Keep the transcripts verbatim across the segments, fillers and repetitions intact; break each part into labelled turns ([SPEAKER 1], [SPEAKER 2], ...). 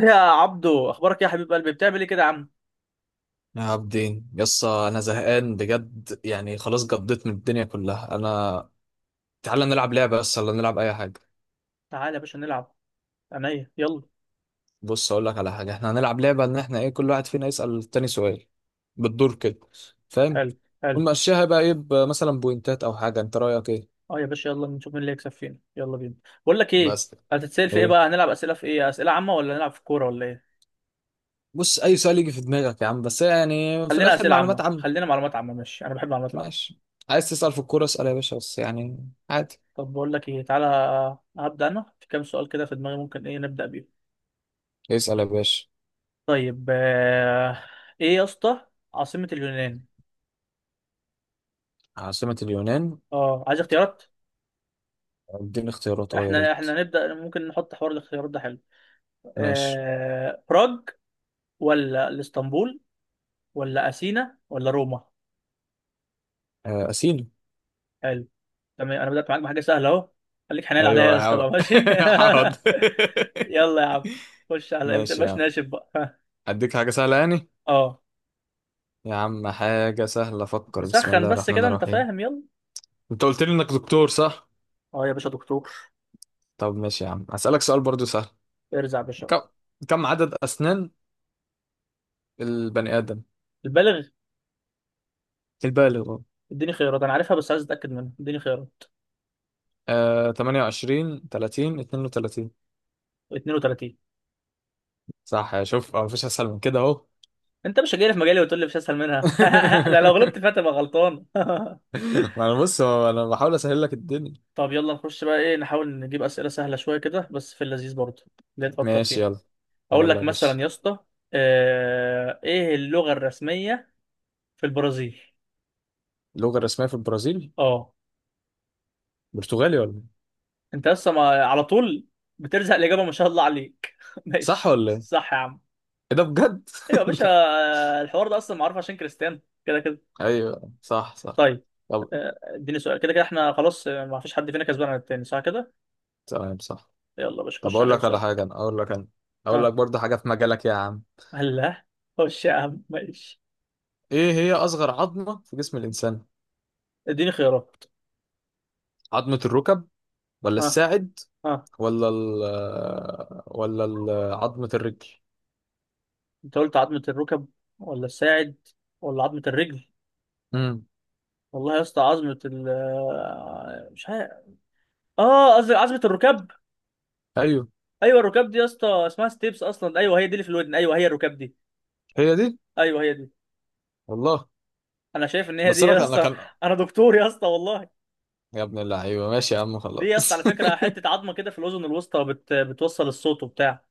[SPEAKER 1] يا عبدو، اخبارك إيه يا حبيب قلبي؟ بتعمل ايه كده يا عم؟
[SPEAKER 2] يا عبدين يس انا زهقان بجد يعني خلاص قضيت من الدنيا كلها انا. تعالى نلعب لعبه بس ولا نلعب اي حاجه.
[SPEAKER 1] تعالى يا باشا نلعب. عينيا، يلا.
[SPEAKER 2] بص اقول لك على حاجه، احنا هنلعب لعبه ان احنا ايه، كل واحد فينا يسال التاني سؤال بالدور كده، فاهم.
[SPEAKER 1] حلو حلو.
[SPEAKER 2] ونمشيها بقى ايه، ب- مثلا بوينتات او حاجه، انت رايك ايه.
[SPEAKER 1] اه يا باشا، يلا نشوف مين اللي هيكسب فينا، يلا بينا. بقول لك ايه،
[SPEAKER 2] بس
[SPEAKER 1] هتتسال في ايه
[SPEAKER 2] ايه،
[SPEAKER 1] بقى؟ هنلعب اسئله في ايه؟ اسئله عامه ولا نلعب في كوره ولا ايه؟
[SPEAKER 2] بص اي سؤال يجي في دماغك يا عم بس يعني في
[SPEAKER 1] خلينا
[SPEAKER 2] الاخر
[SPEAKER 1] اسئله
[SPEAKER 2] معلومات
[SPEAKER 1] عامه،
[SPEAKER 2] عامه.
[SPEAKER 1] خلينا معلومات عامه. ماشي، انا بحب المعلومات العامه.
[SPEAKER 2] ماشي، عايز تسال في الكوره اسال يا باشا بس يعني عادي.
[SPEAKER 1] طب بقول لك ايه، تعالى. هبدا انا في كام سؤال كده في دماغي، ممكن ايه نبدا بيه؟
[SPEAKER 2] اسال يا باشا.
[SPEAKER 1] طيب آه، ايه يا اسطى عاصمه اليونان؟
[SPEAKER 2] عاصمه اليونان.
[SPEAKER 1] اه، عايز اختيارات.
[SPEAKER 2] اديني اختيارات اه يا
[SPEAKER 1] احنا
[SPEAKER 2] ريت.
[SPEAKER 1] احنا نبدا، ممكن نحط حوار الاختيارات ده، حلو.
[SPEAKER 2] ماشي.
[SPEAKER 1] آه... براغ ولا الاسطنبول ولا اثينا ولا روما؟
[SPEAKER 2] آه، أسينو.
[SPEAKER 1] حلو، تمام. انا بدات معاك بحاجه سهله اهو، خليك حنين عليا
[SPEAKER 2] أيوة
[SPEAKER 1] يا
[SPEAKER 2] يا
[SPEAKER 1] اسطى
[SPEAKER 2] عم.
[SPEAKER 1] بقى، ماشي.
[SPEAKER 2] حاضر.
[SPEAKER 1] يلا يا عم، خش على ما
[SPEAKER 2] ماشي يا
[SPEAKER 1] تبقاش
[SPEAKER 2] عم،
[SPEAKER 1] ناشف بقى. ها.
[SPEAKER 2] أديك حاجة سهلة يعني.
[SPEAKER 1] اه،
[SPEAKER 2] يا عم حاجة سهلة، فكر بسم
[SPEAKER 1] نسخن
[SPEAKER 2] الله
[SPEAKER 1] بس
[SPEAKER 2] الرحمن
[SPEAKER 1] كده، انت
[SPEAKER 2] الرحيم.
[SPEAKER 1] فاهم، يلا.
[SPEAKER 2] أنت قلت لي إنك دكتور صح؟
[SPEAKER 1] اه يا باشا، دكتور.
[SPEAKER 2] طب ماشي يا عم هسألك سؤال برضو سهل.
[SPEAKER 1] ارزع يا باشا.
[SPEAKER 2] كم، كم عدد أسنان البني آدم
[SPEAKER 1] البالغ.
[SPEAKER 2] البالغ.
[SPEAKER 1] اديني خيارات، انا عارفها بس عايز اتاكد منها، اديني خيارات.
[SPEAKER 2] آه ثمانية وعشرين تلاتين اثنين وثلاثين.
[SPEAKER 1] اتنين وتلاتين.
[SPEAKER 2] صح، يا شوف آه، مفيش أسهل من كده أهو.
[SPEAKER 1] انت مش جاي في مجالي وتقول لي مش اسهل منها؟ ده لو غلبت فيها تبقى غلطان.
[SPEAKER 2] ما أنا بص هو أنا بحاول أسهل لك الدنيا.
[SPEAKER 1] طب يلا نخش بقى، ايه، نحاول نجيب اسئله سهله شويه كده بس في اللذيذ برضه، اللي تفكر
[SPEAKER 2] ماشي،
[SPEAKER 1] فيها.
[SPEAKER 2] يلا
[SPEAKER 1] اقول
[SPEAKER 2] يلا
[SPEAKER 1] لك
[SPEAKER 2] يا باشا.
[SPEAKER 1] مثلا يا اسطى، آه، ايه اللغه الرسميه في البرازيل؟
[SPEAKER 2] اللغة الرسمية في البرازيل.
[SPEAKER 1] اه.
[SPEAKER 2] برتغالي ولا إيه؟
[SPEAKER 1] انت لسه ما على طول بترزق الاجابه، ما شاء الله عليك.
[SPEAKER 2] صح
[SPEAKER 1] ماشي،
[SPEAKER 2] ولا ايه؟
[SPEAKER 1] صح يا عم.
[SPEAKER 2] إيه ده بجد؟
[SPEAKER 1] ايوه يا باشا، آه، الحوار ده اصلا معروف عشان كريستيانو، كده كده.
[SPEAKER 2] ايوه صح صح.
[SPEAKER 1] طيب،
[SPEAKER 2] طب
[SPEAKER 1] آه، اديني سؤال. كده كده احنا خلاص، آه، ما فيش حد فينا كسبان عن التاني، صح كده.
[SPEAKER 2] تمام صح.
[SPEAKER 1] يلا يا باشا،
[SPEAKER 2] طب
[SPEAKER 1] خش
[SPEAKER 2] اقول
[SPEAKER 1] عليا
[SPEAKER 2] لك على حاجه
[SPEAKER 1] بسؤالك.
[SPEAKER 2] انا، اقول لك انا. اقول لك
[SPEAKER 1] ها،
[SPEAKER 2] برضه حاجه في مجالك يا عم.
[SPEAKER 1] هلا، خش يا عم، ماشي.
[SPEAKER 2] ايه هي اصغر عظمه في جسم الانسان؟
[SPEAKER 1] اديني خيارات.
[SPEAKER 2] عظمه الركب، ولا
[SPEAKER 1] ها،
[SPEAKER 2] الساعد،
[SPEAKER 1] ها.
[SPEAKER 2] ولا ال آه، ولا ال- آه، عظمه الرجل؟
[SPEAKER 1] انت قلت عظمه الركب ولا الساعد ولا عظمه الرجل؟
[SPEAKER 2] امم
[SPEAKER 1] والله يا اسطى، عظمة ال آه، مش عارف. اه، قصدي عظمة الركاب.
[SPEAKER 2] ايوه
[SPEAKER 1] ايوه، الركاب دي يا اسطى اسمها ستيبس اصلا، ايوه هي دي اللي في الودن، ايوه هي الركاب دي.
[SPEAKER 2] هي دي.
[SPEAKER 1] ايوه هي دي.
[SPEAKER 2] والله
[SPEAKER 1] انا شايف ان هي دي
[SPEAKER 2] بس انا
[SPEAKER 1] يا
[SPEAKER 2] كان انا
[SPEAKER 1] اسطى.
[SPEAKER 2] كان
[SPEAKER 1] انا دكتور يا اسطى والله.
[SPEAKER 2] يا ابن اللعيبه ماشي يا عم
[SPEAKER 1] دي يا اسطى على
[SPEAKER 2] خلاص.
[SPEAKER 1] فكرة حتة عظمة كده في الاذن الوسطى، بت... بتوصل الصوت وبتاع.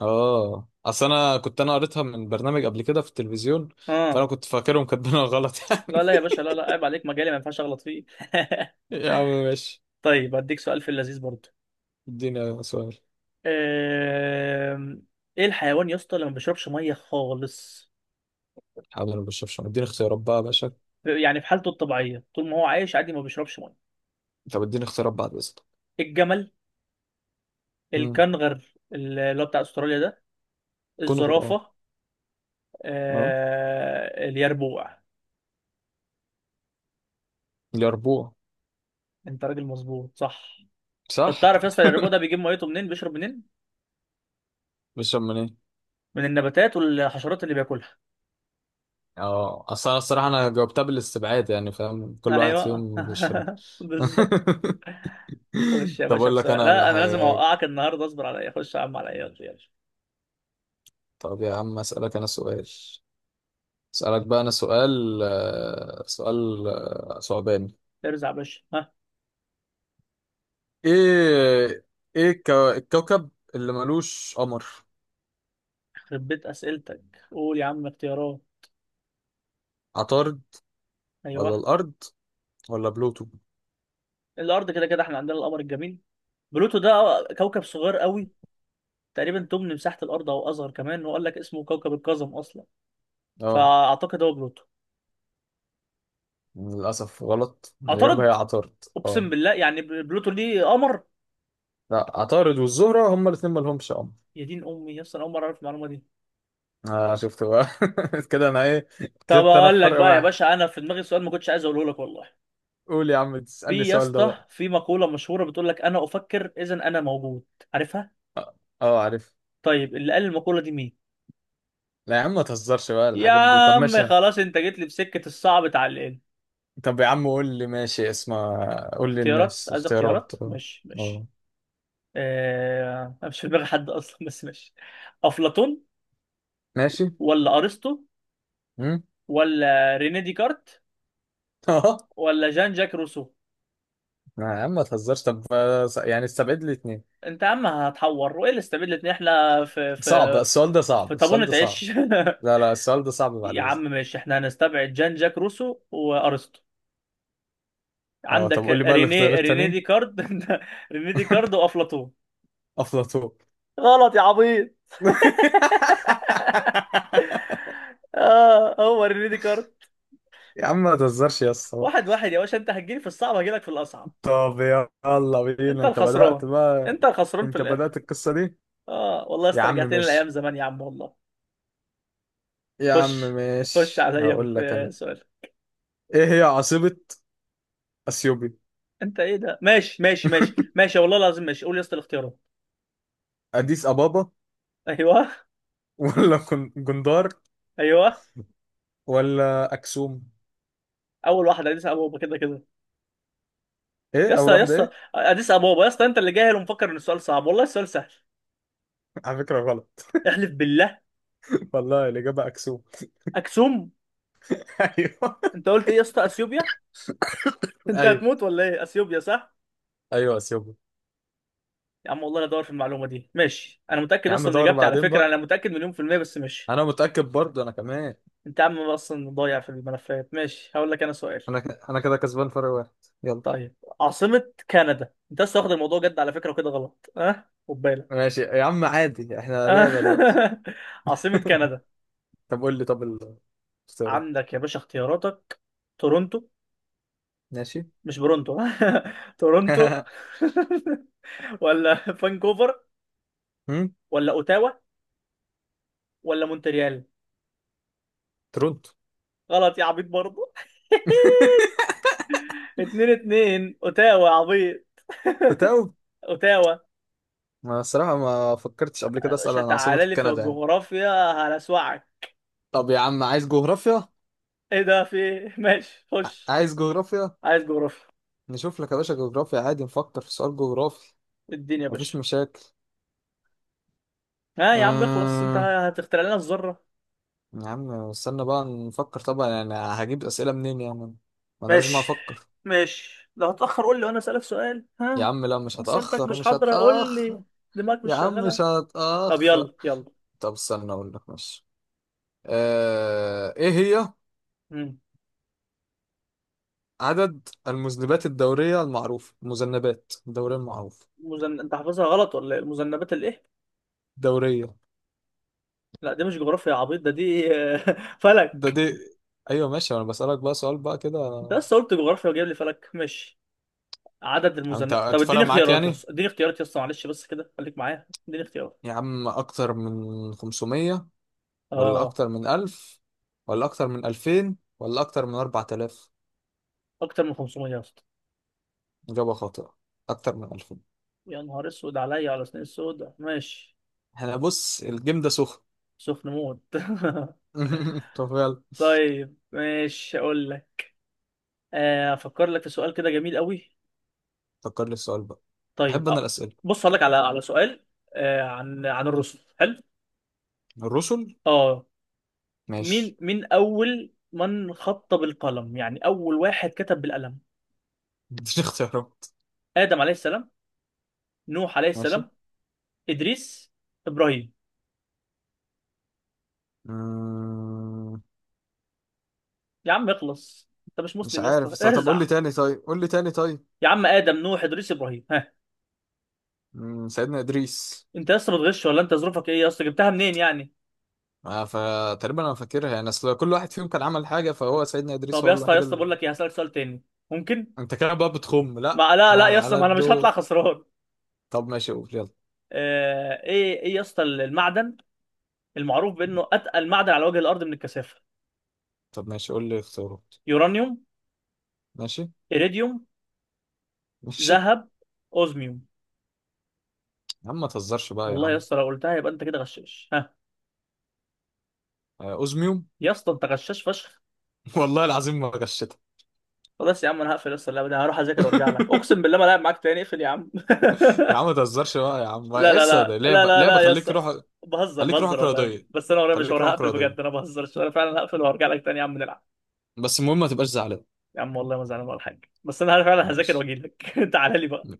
[SPEAKER 2] اه اصل انا كنت انا قريتها من برنامج قبل كده في التلفزيون، فانا
[SPEAKER 1] اه.
[SPEAKER 2] كنت فاكرهم كاتبينها غلط.
[SPEAKER 1] لا لا
[SPEAKER 2] يعني
[SPEAKER 1] يا باشا، لا لا، عيب عليك، مجالي ما ينفعش اغلط فيه.
[SPEAKER 2] يا عم ماشي.
[SPEAKER 1] طيب، هديك سؤال في اللذيذ برضه.
[SPEAKER 2] اديني سؤال.
[SPEAKER 1] آم، ايه الحيوان يا اسطى اللي ما بيشربش ميه خالص؟
[SPEAKER 2] حاضر ما بشربش، اديني اختيارات بقى يا باشا.
[SPEAKER 1] يعني في حالته الطبيعية طول ما هو عايش عادي ما بيشربش ميه.
[SPEAKER 2] طب اديني اختيارات بعد اذنك.
[SPEAKER 1] الجمل،
[SPEAKER 2] امم
[SPEAKER 1] الكنغر اللي هو بتاع استراليا ده،
[SPEAKER 2] كنغر اه.
[SPEAKER 1] الزرافه،
[SPEAKER 2] اه
[SPEAKER 1] آه... اليربوع.
[SPEAKER 2] اليربوع.
[SPEAKER 1] انت راجل مظبوط، صح. طب
[SPEAKER 2] صح.
[SPEAKER 1] تعرف يا اسطى اليربوع ده بيجيب ميته منين، بيشرب منين؟
[SPEAKER 2] بيشرب من ايه.
[SPEAKER 1] من النباتات والحشرات اللي بياكلها.
[SPEAKER 2] اه اصل انا الصراحه انا جاوبتها بالاستبعاد يعني، فاهم كل واحد
[SPEAKER 1] ايوه
[SPEAKER 2] فيهم بيشرب.
[SPEAKER 1] بالظبط. خش يا
[SPEAKER 2] طب
[SPEAKER 1] باشا
[SPEAKER 2] اقول لك
[SPEAKER 1] بسؤال،
[SPEAKER 2] انا على
[SPEAKER 1] لا انا لازم
[SPEAKER 2] حاجه.
[SPEAKER 1] اوقعك النهارده، اصبر عليا، خش يا عم عليا، يلا يلا.
[SPEAKER 2] طب يا عم اسالك انا سؤال. اسألك بقى أنا سؤال آه، سؤال آه، صعباني.
[SPEAKER 1] ارزع يا باشا، ها.
[SPEAKER 2] إيه، إيه الكو- الكوكب اللي ملوش قمر.
[SPEAKER 1] يخرب بيت اسئلتك. قول يا عم اختيارات.
[SPEAKER 2] عطارد، ولا
[SPEAKER 1] ايوه.
[SPEAKER 2] الأرض، ولا بلوتو.
[SPEAKER 1] الارض كده كده احنا عندنا القمر الجميل. بلوتو ده كوكب صغير قوي، تقريبا تمن مساحة الأرض أو أصغر كمان، وقال لك اسمه كوكب القزم أصلا،
[SPEAKER 2] أه
[SPEAKER 1] فأعتقد هو بلوتو.
[SPEAKER 2] للأسف غلط، الإجابة هي
[SPEAKER 1] اعترض،
[SPEAKER 2] عطارد
[SPEAKER 1] أقسم
[SPEAKER 2] أه.
[SPEAKER 1] بالله يعني، ب- بلوتو ليه قمر؟
[SPEAKER 2] لا، عطارد والزهرة هما الاتنين ملهمش قمر.
[SPEAKER 1] يا دين أمي يا اسطى، أنا أول مرة أعرف المعلومة دي.
[SPEAKER 2] آه شفت بقى، كده أنا إيه،
[SPEAKER 1] طب
[SPEAKER 2] كسبت أنا
[SPEAKER 1] أقول
[SPEAKER 2] في
[SPEAKER 1] لك
[SPEAKER 2] فرق
[SPEAKER 1] بقى يا
[SPEAKER 2] واحد.
[SPEAKER 1] باشا، أنا في دماغي سؤال ما كنتش عايز أقوله لك والله.
[SPEAKER 2] قول يا عم تسألني
[SPEAKER 1] في يا
[SPEAKER 2] السؤال ده
[SPEAKER 1] اسطى،
[SPEAKER 2] بقى.
[SPEAKER 1] في مقولة مشهورة بتقول لك أنا أفكر إذا أنا موجود، عارفها؟
[SPEAKER 2] أه. آه، عارف.
[SPEAKER 1] طيب، اللي قال المقولة دي مين؟
[SPEAKER 2] لا يا عم ما تهزرش بقى
[SPEAKER 1] يا
[SPEAKER 2] الحاجات دي، طب
[SPEAKER 1] عم
[SPEAKER 2] ماشي.
[SPEAKER 1] خلاص، أنت جيت لي في سكة الصعب، اتعلقنا.
[SPEAKER 2] طب يا عم قول لي ماشي اسمع. قول لي
[SPEAKER 1] اختيارات؟
[SPEAKER 2] الناس
[SPEAKER 1] عايز
[SPEAKER 2] اختيارات
[SPEAKER 1] اختيارات؟
[SPEAKER 2] اه.
[SPEAKER 1] ماشي، ماشي.
[SPEAKER 2] اه،
[SPEAKER 1] آه... أنا مش في دماغي حد أصلا، بس ماشي. أفلاطون
[SPEAKER 2] ماشي.
[SPEAKER 1] ولا ارسطو
[SPEAKER 2] امم.
[SPEAKER 1] ولا ريني ديكارت
[SPEAKER 2] اه.
[SPEAKER 1] ولا جان جاك روسو؟
[SPEAKER 2] يا عم ما تهزرش، طب آه، س- يعني استبعد لي اتنين.
[SPEAKER 1] انت يا عم هتحور، وايه اللي استبدلت ان احنا في
[SPEAKER 2] صعب
[SPEAKER 1] في
[SPEAKER 2] السؤال ده صعب
[SPEAKER 1] في
[SPEAKER 2] السؤال
[SPEAKER 1] طابونة
[SPEAKER 2] ده صعب.
[SPEAKER 1] عيش؟
[SPEAKER 2] لا لا السؤال ده صعب بعد
[SPEAKER 1] يا عم
[SPEAKER 2] اذنك.
[SPEAKER 1] ماشي، احنا هنستبعد جان جاك روسو وارسطو،
[SPEAKER 2] اه، طب قول
[SPEAKER 1] عندك
[SPEAKER 2] لي بقى الاختيار
[SPEAKER 1] ريني ريني
[SPEAKER 2] التانيين.
[SPEAKER 1] ديكارت. ريني ديكارت وافلاطون.
[SPEAKER 2] افلاطون.
[SPEAKER 1] غلط يا عبيط. اه، هو ريني ديكارت.
[SPEAKER 2] يا عم ما تهزرش يا اسطى.
[SPEAKER 1] واحد واحد يا باشا، انت هتجيلي في الصعب، هجيلك في الاصعب.
[SPEAKER 2] طب يلا
[SPEAKER 1] انت
[SPEAKER 2] بينا انت
[SPEAKER 1] الخسران،
[SPEAKER 2] بدأت بقى.
[SPEAKER 1] انت الخسران في
[SPEAKER 2] انت
[SPEAKER 1] الاخر.
[SPEAKER 2] بدأت القصة دي.
[SPEAKER 1] اه والله
[SPEAKER 2] يا عم
[SPEAKER 1] استرجعتني لايام
[SPEAKER 2] ماشي.
[SPEAKER 1] زمان يا عم والله.
[SPEAKER 2] يا عم
[SPEAKER 1] خش، خش
[SPEAKER 2] ماشي
[SPEAKER 1] عليا
[SPEAKER 2] هقول لك
[SPEAKER 1] في
[SPEAKER 2] انا.
[SPEAKER 1] سؤال.
[SPEAKER 2] ايه هي عاصمة اثيوبي.
[SPEAKER 1] انت ايه ده؟ ماشي ماشي ماشي ماشي، والله العظيم ماشي. قول يا اسطى الاختيارات.
[SPEAKER 2] اديس ابابا،
[SPEAKER 1] ايوه.
[SPEAKER 2] ولا جن- جندار،
[SPEAKER 1] ايوه،
[SPEAKER 2] ولا اكسوم.
[SPEAKER 1] اول واحده اديس ابابا كده كده.
[SPEAKER 2] ايه
[SPEAKER 1] يا اسطى،
[SPEAKER 2] اول
[SPEAKER 1] يا
[SPEAKER 2] واحده
[SPEAKER 1] اسطى،
[SPEAKER 2] ايه.
[SPEAKER 1] اديس ابابا يا اسطى، انت اللي جاهل ومفكر ان السؤال صعب، والله السؤال سهل.
[SPEAKER 2] على فكره غلط.
[SPEAKER 1] احلف بالله.
[SPEAKER 2] والله الاجابه اكسوم.
[SPEAKER 1] اكسوم؟
[SPEAKER 2] ايوه
[SPEAKER 1] انت قلت ايه يا اسطى؟ اثيوبيا. انت
[SPEAKER 2] ايوه.
[SPEAKER 1] هتموت ولا ايه؟ اثيوبيا، صح.
[SPEAKER 2] ايوه اثيوبي.
[SPEAKER 1] يا عم والله انا ادور في المعلومه دي، ماشي، انا متاكد
[SPEAKER 2] يا عم
[SPEAKER 1] اصلا من
[SPEAKER 2] دور
[SPEAKER 1] اجابتي على
[SPEAKER 2] بعدين
[SPEAKER 1] فكره،
[SPEAKER 2] بقى.
[SPEAKER 1] انا متاكد مليون في الميه، بس ماشي.
[SPEAKER 2] انا متاكد برضه انا كمان.
[SPEAKER 1] انت يا عم اصلا ضايع في الملفات، ماشي، هقول لك انا سؤال.
[SPEAKER 2] انا ك... انا كده كسبان فرق واحد. يلا.
[SPEAKER 1] طيب، عاصمة كندا. انت لسه واخد الموضوع جد على فكرة، وكده غلط اه، خد بالك.
[SPEAKER 2] ماشي يا عم عادي، احنا لعبه دلوقتي.
[SPEAKER 1] آه. عاصمة كندا.
[SPEAKER 2] طب قول لي، طب الاختيارات.
[SPEAKER 1] عندك يا باشا اختياراتك. تورونتو،
[SPEAKER 2] ماشي.
[SPEAKER 1] مش برونتو، تورونتو، ولا فانكوفر
[SPEAKER 2] هم؟
[SPEAKER 1] ولا اوتاوا ولا مونتريال؟
[SPEAKER 2] تورونتو.
[SPEAKER 1] غلط يا عبيط برضه. اتنين اتنين، اوتاوا يا عبيط.
[SPEAKER 2] بتاو.
[SPEAKER 1] اوتاوا.
[SPEAKER 2] ما الصراحة ما فكرتش قبل كده
[SPEAKER 1] يا
[SPEAKER 2] اسأل
[SPEAKER 1] باشا
[SPEAKER 2] عن عاصمة
[SPEAKER 1] تعالى لي في
[SPEAKER 2] كندا يعني.
[SPEAKER 1] الجغرافيا هلسوعك.
[SPEAKER 2] طب يا عم عايز جغرافيا.
[SPEAKER 1] ايه ده في إيه؟ ماشي،
[SPEAKER 2] ع-
[SPEAKER 1] خش.
[SPEAKER 2] عايز جغرافيا.
[SPEAKER 1] عايز جغرافيا.
[SPEAKER 2] نشوف لك يا باشا جغرافيا عادي نفكر في سؤال جغرافي.
[SPEAKER 1] اديني يا باشا.
[SPEAKER 2] مفيش مشاكل.
[SPEAKER 1] ها يا عم اخلص، انت
[SPEAKER 2] أمم،
[SPEAKER 1] هتخترع لنا الذرة؟
[SPEAKER 2] يا عم استنى بقى نفكر، طبعا يعني هجيب أسئلة منين يعني، ما انا لازم
[SPEAKER 1] ماشي،
[SPEAKER 2] افكر.
[SPEAKER 1] ماشي. لو هتأخر قول لي وانا اسألك سؤال،
[SPEAKER 2] يا
[SPEAKER 1] ها.
[SPEAKER 2] عم لا، مش
[SPEAKER 1] اسئلتك
[SPEAKER 2] هتأخر
[SPEAKER 1] مش
[SPEAKER 2] مش
[SPEAKER 1] حاضرة، قول لي،
[SPEAKER 2] هتأخر.
[SPEAKER 1] دماغك مش
[SPEAKER 2] يا عم
[SPEAKER 1] شغالة.
[SPEAKER 2] مش
[SPEAKER 1] طب
[SPEAKER 2] هتأخر.
[SPEAKER 1] يلا، يلا.
[SPEAKER 2] طب استنى اقول لك ماشي. آه... ايه هي
[SPEAKER 1] مم.
[SPEAKER 2] عدد المذنبات الدورية المعروفة، المذنبات الدورية المعروفة.
[SPEAKER 1] مزن... انت حافظها غلط ولا ايه؟ المذنبات الايه؟
[SPEAKER 2] دورية.
[SPEAKER 1] لا دي مش جغرافيا يا عبيط، ده دي
[SPEAKER 2] ده
[SPEAKER 1] فلك.
[SPEAKER 2] دي. ايوه ماشي انا بسألك بقى سؤال بقى كده.
[SPEAKER 1] انت لسه قلت جغرافيا وجايب لي فلك، ماشي. عدد
[SPEAKER 2] انت
[SPEAKER 1] المذنبات، طب
[SPEAKER 2] هتفرق
[SPEAKER 1] اديني
[SPEAKER 2] معاك
[SPEAKER 1] اختيارات يا
[SPEAKER 2] يعني.
[SPEAKER 1] اسطى، اديني اختيارات يا اسطى، معلش بس كده خليك معايا، اديني اختيارات.
[SPEAKER 2] يا عم أكتر من خمسميه، ولا
[SPEAKER 1] اه.
[SPEAKER 2] أكتر من ألف، ولا أكتر من ألفين، ولا أكتر من أربعة آلاف.
[SPEAKER 1] اكتر من خمسميه يا اسطى.
[SPEAKER 2] إجابة خاطئة، أكتر من ألفين.
[SPEAKER 1] يا نهار اسود عليا، على سنين السوداء، ماشي.
[SPEAKER 2] احنا بص الجيم ده سخن.
[SPEAKER 1] سخن موت.
[SPEAKER 2] طب يلا.
[SPEAKER 1] طيب ماشي، اقول لك. آه، افكر لك في سؤال كده جميل قوي.
[SPEAKER 2] فكر لي السؤال بقى. أحب
[SPEAKER 1] طيب
[SPEAKER 2] أنا
[SPEAKER 1] اه،
[SPEAKER 2] الأسئلة.
[SPEAKER 1] بص هقول لك على على سؤال، آه، عن عن الرسل، حلو.
[SPEAKER 2] الرسل.
[SPEAKER 1] اه.
[SPEAKER 2] ماشي.
[SPEAKER 1] مين مين اول من خط بالقلم؟ يعني اول واحد كتب بالقلم.
[SPEAKER 2] مش اختيارات.
[SPEAKER 1] ادم عليه السلام، نوح عليه
[SPEAKER 2] ماشي.
[SPEAKER 1] السلام، ادريس، ابراهيم.
[SPEAKER 2] مم،
[SPEAKER 1] يا عم اخلص، انت مش
[SPEAKER 2] مش
[SPEAKER 1] مسلم يا
[SPEAKER 2] عارف
[SPEAKER 1] اسطى؟
[SPEAKER 2] بس- طب قول لي
[SPEAKER 1] ارزع.
[SPEAKER 2] تاني، طيب قول لي تاني طيب.
[SPEAKER 1] يا عم، ادم، نوح، ادريس، ابراهيم، ها.
[SPEAKER 2] مم، سيدنا إدريس.
[SPEAKER 1] انت يا اسطى بتغش ولا انت ظروفك ايه يا اسطى؟ جبتها منين يعني؟
[SPEAKER 2] آه، فتقريبا أنا فاكرها يعني، أصل كل واحد فيهم كان عمل حاجة، فهو سيدنا إدريس
[SPEAKER 1] طب يا
[SPEAKER 2] هو
[SPEAKER 1] اسطى، يا
[SPEAKER 2] الوحيد.
[SPEAKER 1] اسطى بقول لك ايه، هسألك سؤال تاني، ممكن.
[SPEAKER 2] انت كده بقى بتخم، لا
[SPEAKER 1] ما لا
[SPEAKER 2] انا
[SPEAKER 1] لا يا
[SPEAKER 2] على
[SPEAKER 1] اسطى،
[SPEAKER 2] على
[SPEAKER 1] ما انا مش هطلع
[SPEAKER 2] الدور.
[SPEAKER 1] خسران.
[SPEAKER 2] طب ماشي قول يلا.
[SPEAKER 1] آه، ايه ايه يا اسطى المعدن المعروف بانه اتقل معدن على وجه الارض من الكثافه؟
[SPEAKER 2] طب ماشي قول لي اختيارات.
[SPEAKER 1] يورانيوم،
[SPEAKER 2] ماشي
[SPEAKER 1] ايريديوم،
[SPEAKER 2] ماشي.
[SPEAKER 1] ذهب، اوزميوم.
[SPEAKER 2] يا عم ما تهزرش بقى يا
[SPEAKER 1] والله يا
[SPEAKER 2] عم.
[SPEAKER 1] اسطى لو قلتها يبقى انت كده غشاش، ها.
[SPEAKER 2] آه، اوزميوم.
[SPEAKER 1] يا اسطى انت غشاش فشخ.
[SPEAKER 2] والله العظيم ما غشيتها.
[SPEAKER 1] خلاص يا عم، انا هقفل يا اسطى، اللعبه دي هروح اذاكر وارجع لك، اقسم بالله ما لعب معاك تاني، اقفل يا عم.
[SPEAKER 2] يا عم ما تهزرش بقى يا عم،
[SPEAKER 1] لا لا
[SPEAKER 2] لسه ده
[SPEAKER 1] لا لا
[SPEAKER 2] لعبه،
[SPEAKER 1] لا
[SPEAKER 2] لعبه،
[SPEAKER 1] لا يا
[SPEAKER 2] خليك
[SPEAKER 1] اسطى،
[SPEAKER 2] روح.
[SPEAKER 1] بهزر
[SPEAKER 2] خليك
[SPEAKER 1] بهزر
[SPEAKER 2] روحك
[SPEAKER 1] والله،
[SPEAKER 2] رياضيه،
[SPEAKER 1] بس انا ورايا
[SPEAKER 2] خليك
[SPEAKER 1] مشوار،
[SPEAKER 2] روحك
[SPEAKER 1] هقفل بجد،
[SPEAKER 2] رياضيه،
[SPEAKER 1] انا بهزر، انا فعلا هقفل وهرجع لك تاني يا عم نلعب.
[SPEAKER 2] بس المهم ما تبقاش زعلان.
[SPEAKER 1] يا عم والله ما زعلان ولا حاجه، بس انا فعلا هذاكر
[SPEAKER 2] ماشي.
[SPEAKER 1] واجي لك. تعالى لي بقى.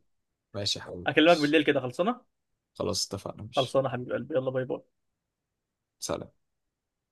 [SPEAKER 2] ماشي يا حبيبي
[SPEAKER 1] اكلمك
[SPEAKER 2] ماشي.
[SPEAKER 1] بالليل كده، خلصانه.
[SPEAKER 2] خلاص اتفقنا ماشي.
[SPEAKER 1] خلصانه حبيب قلبي، يلا باي باي.
[SPEAKER 2] سلام.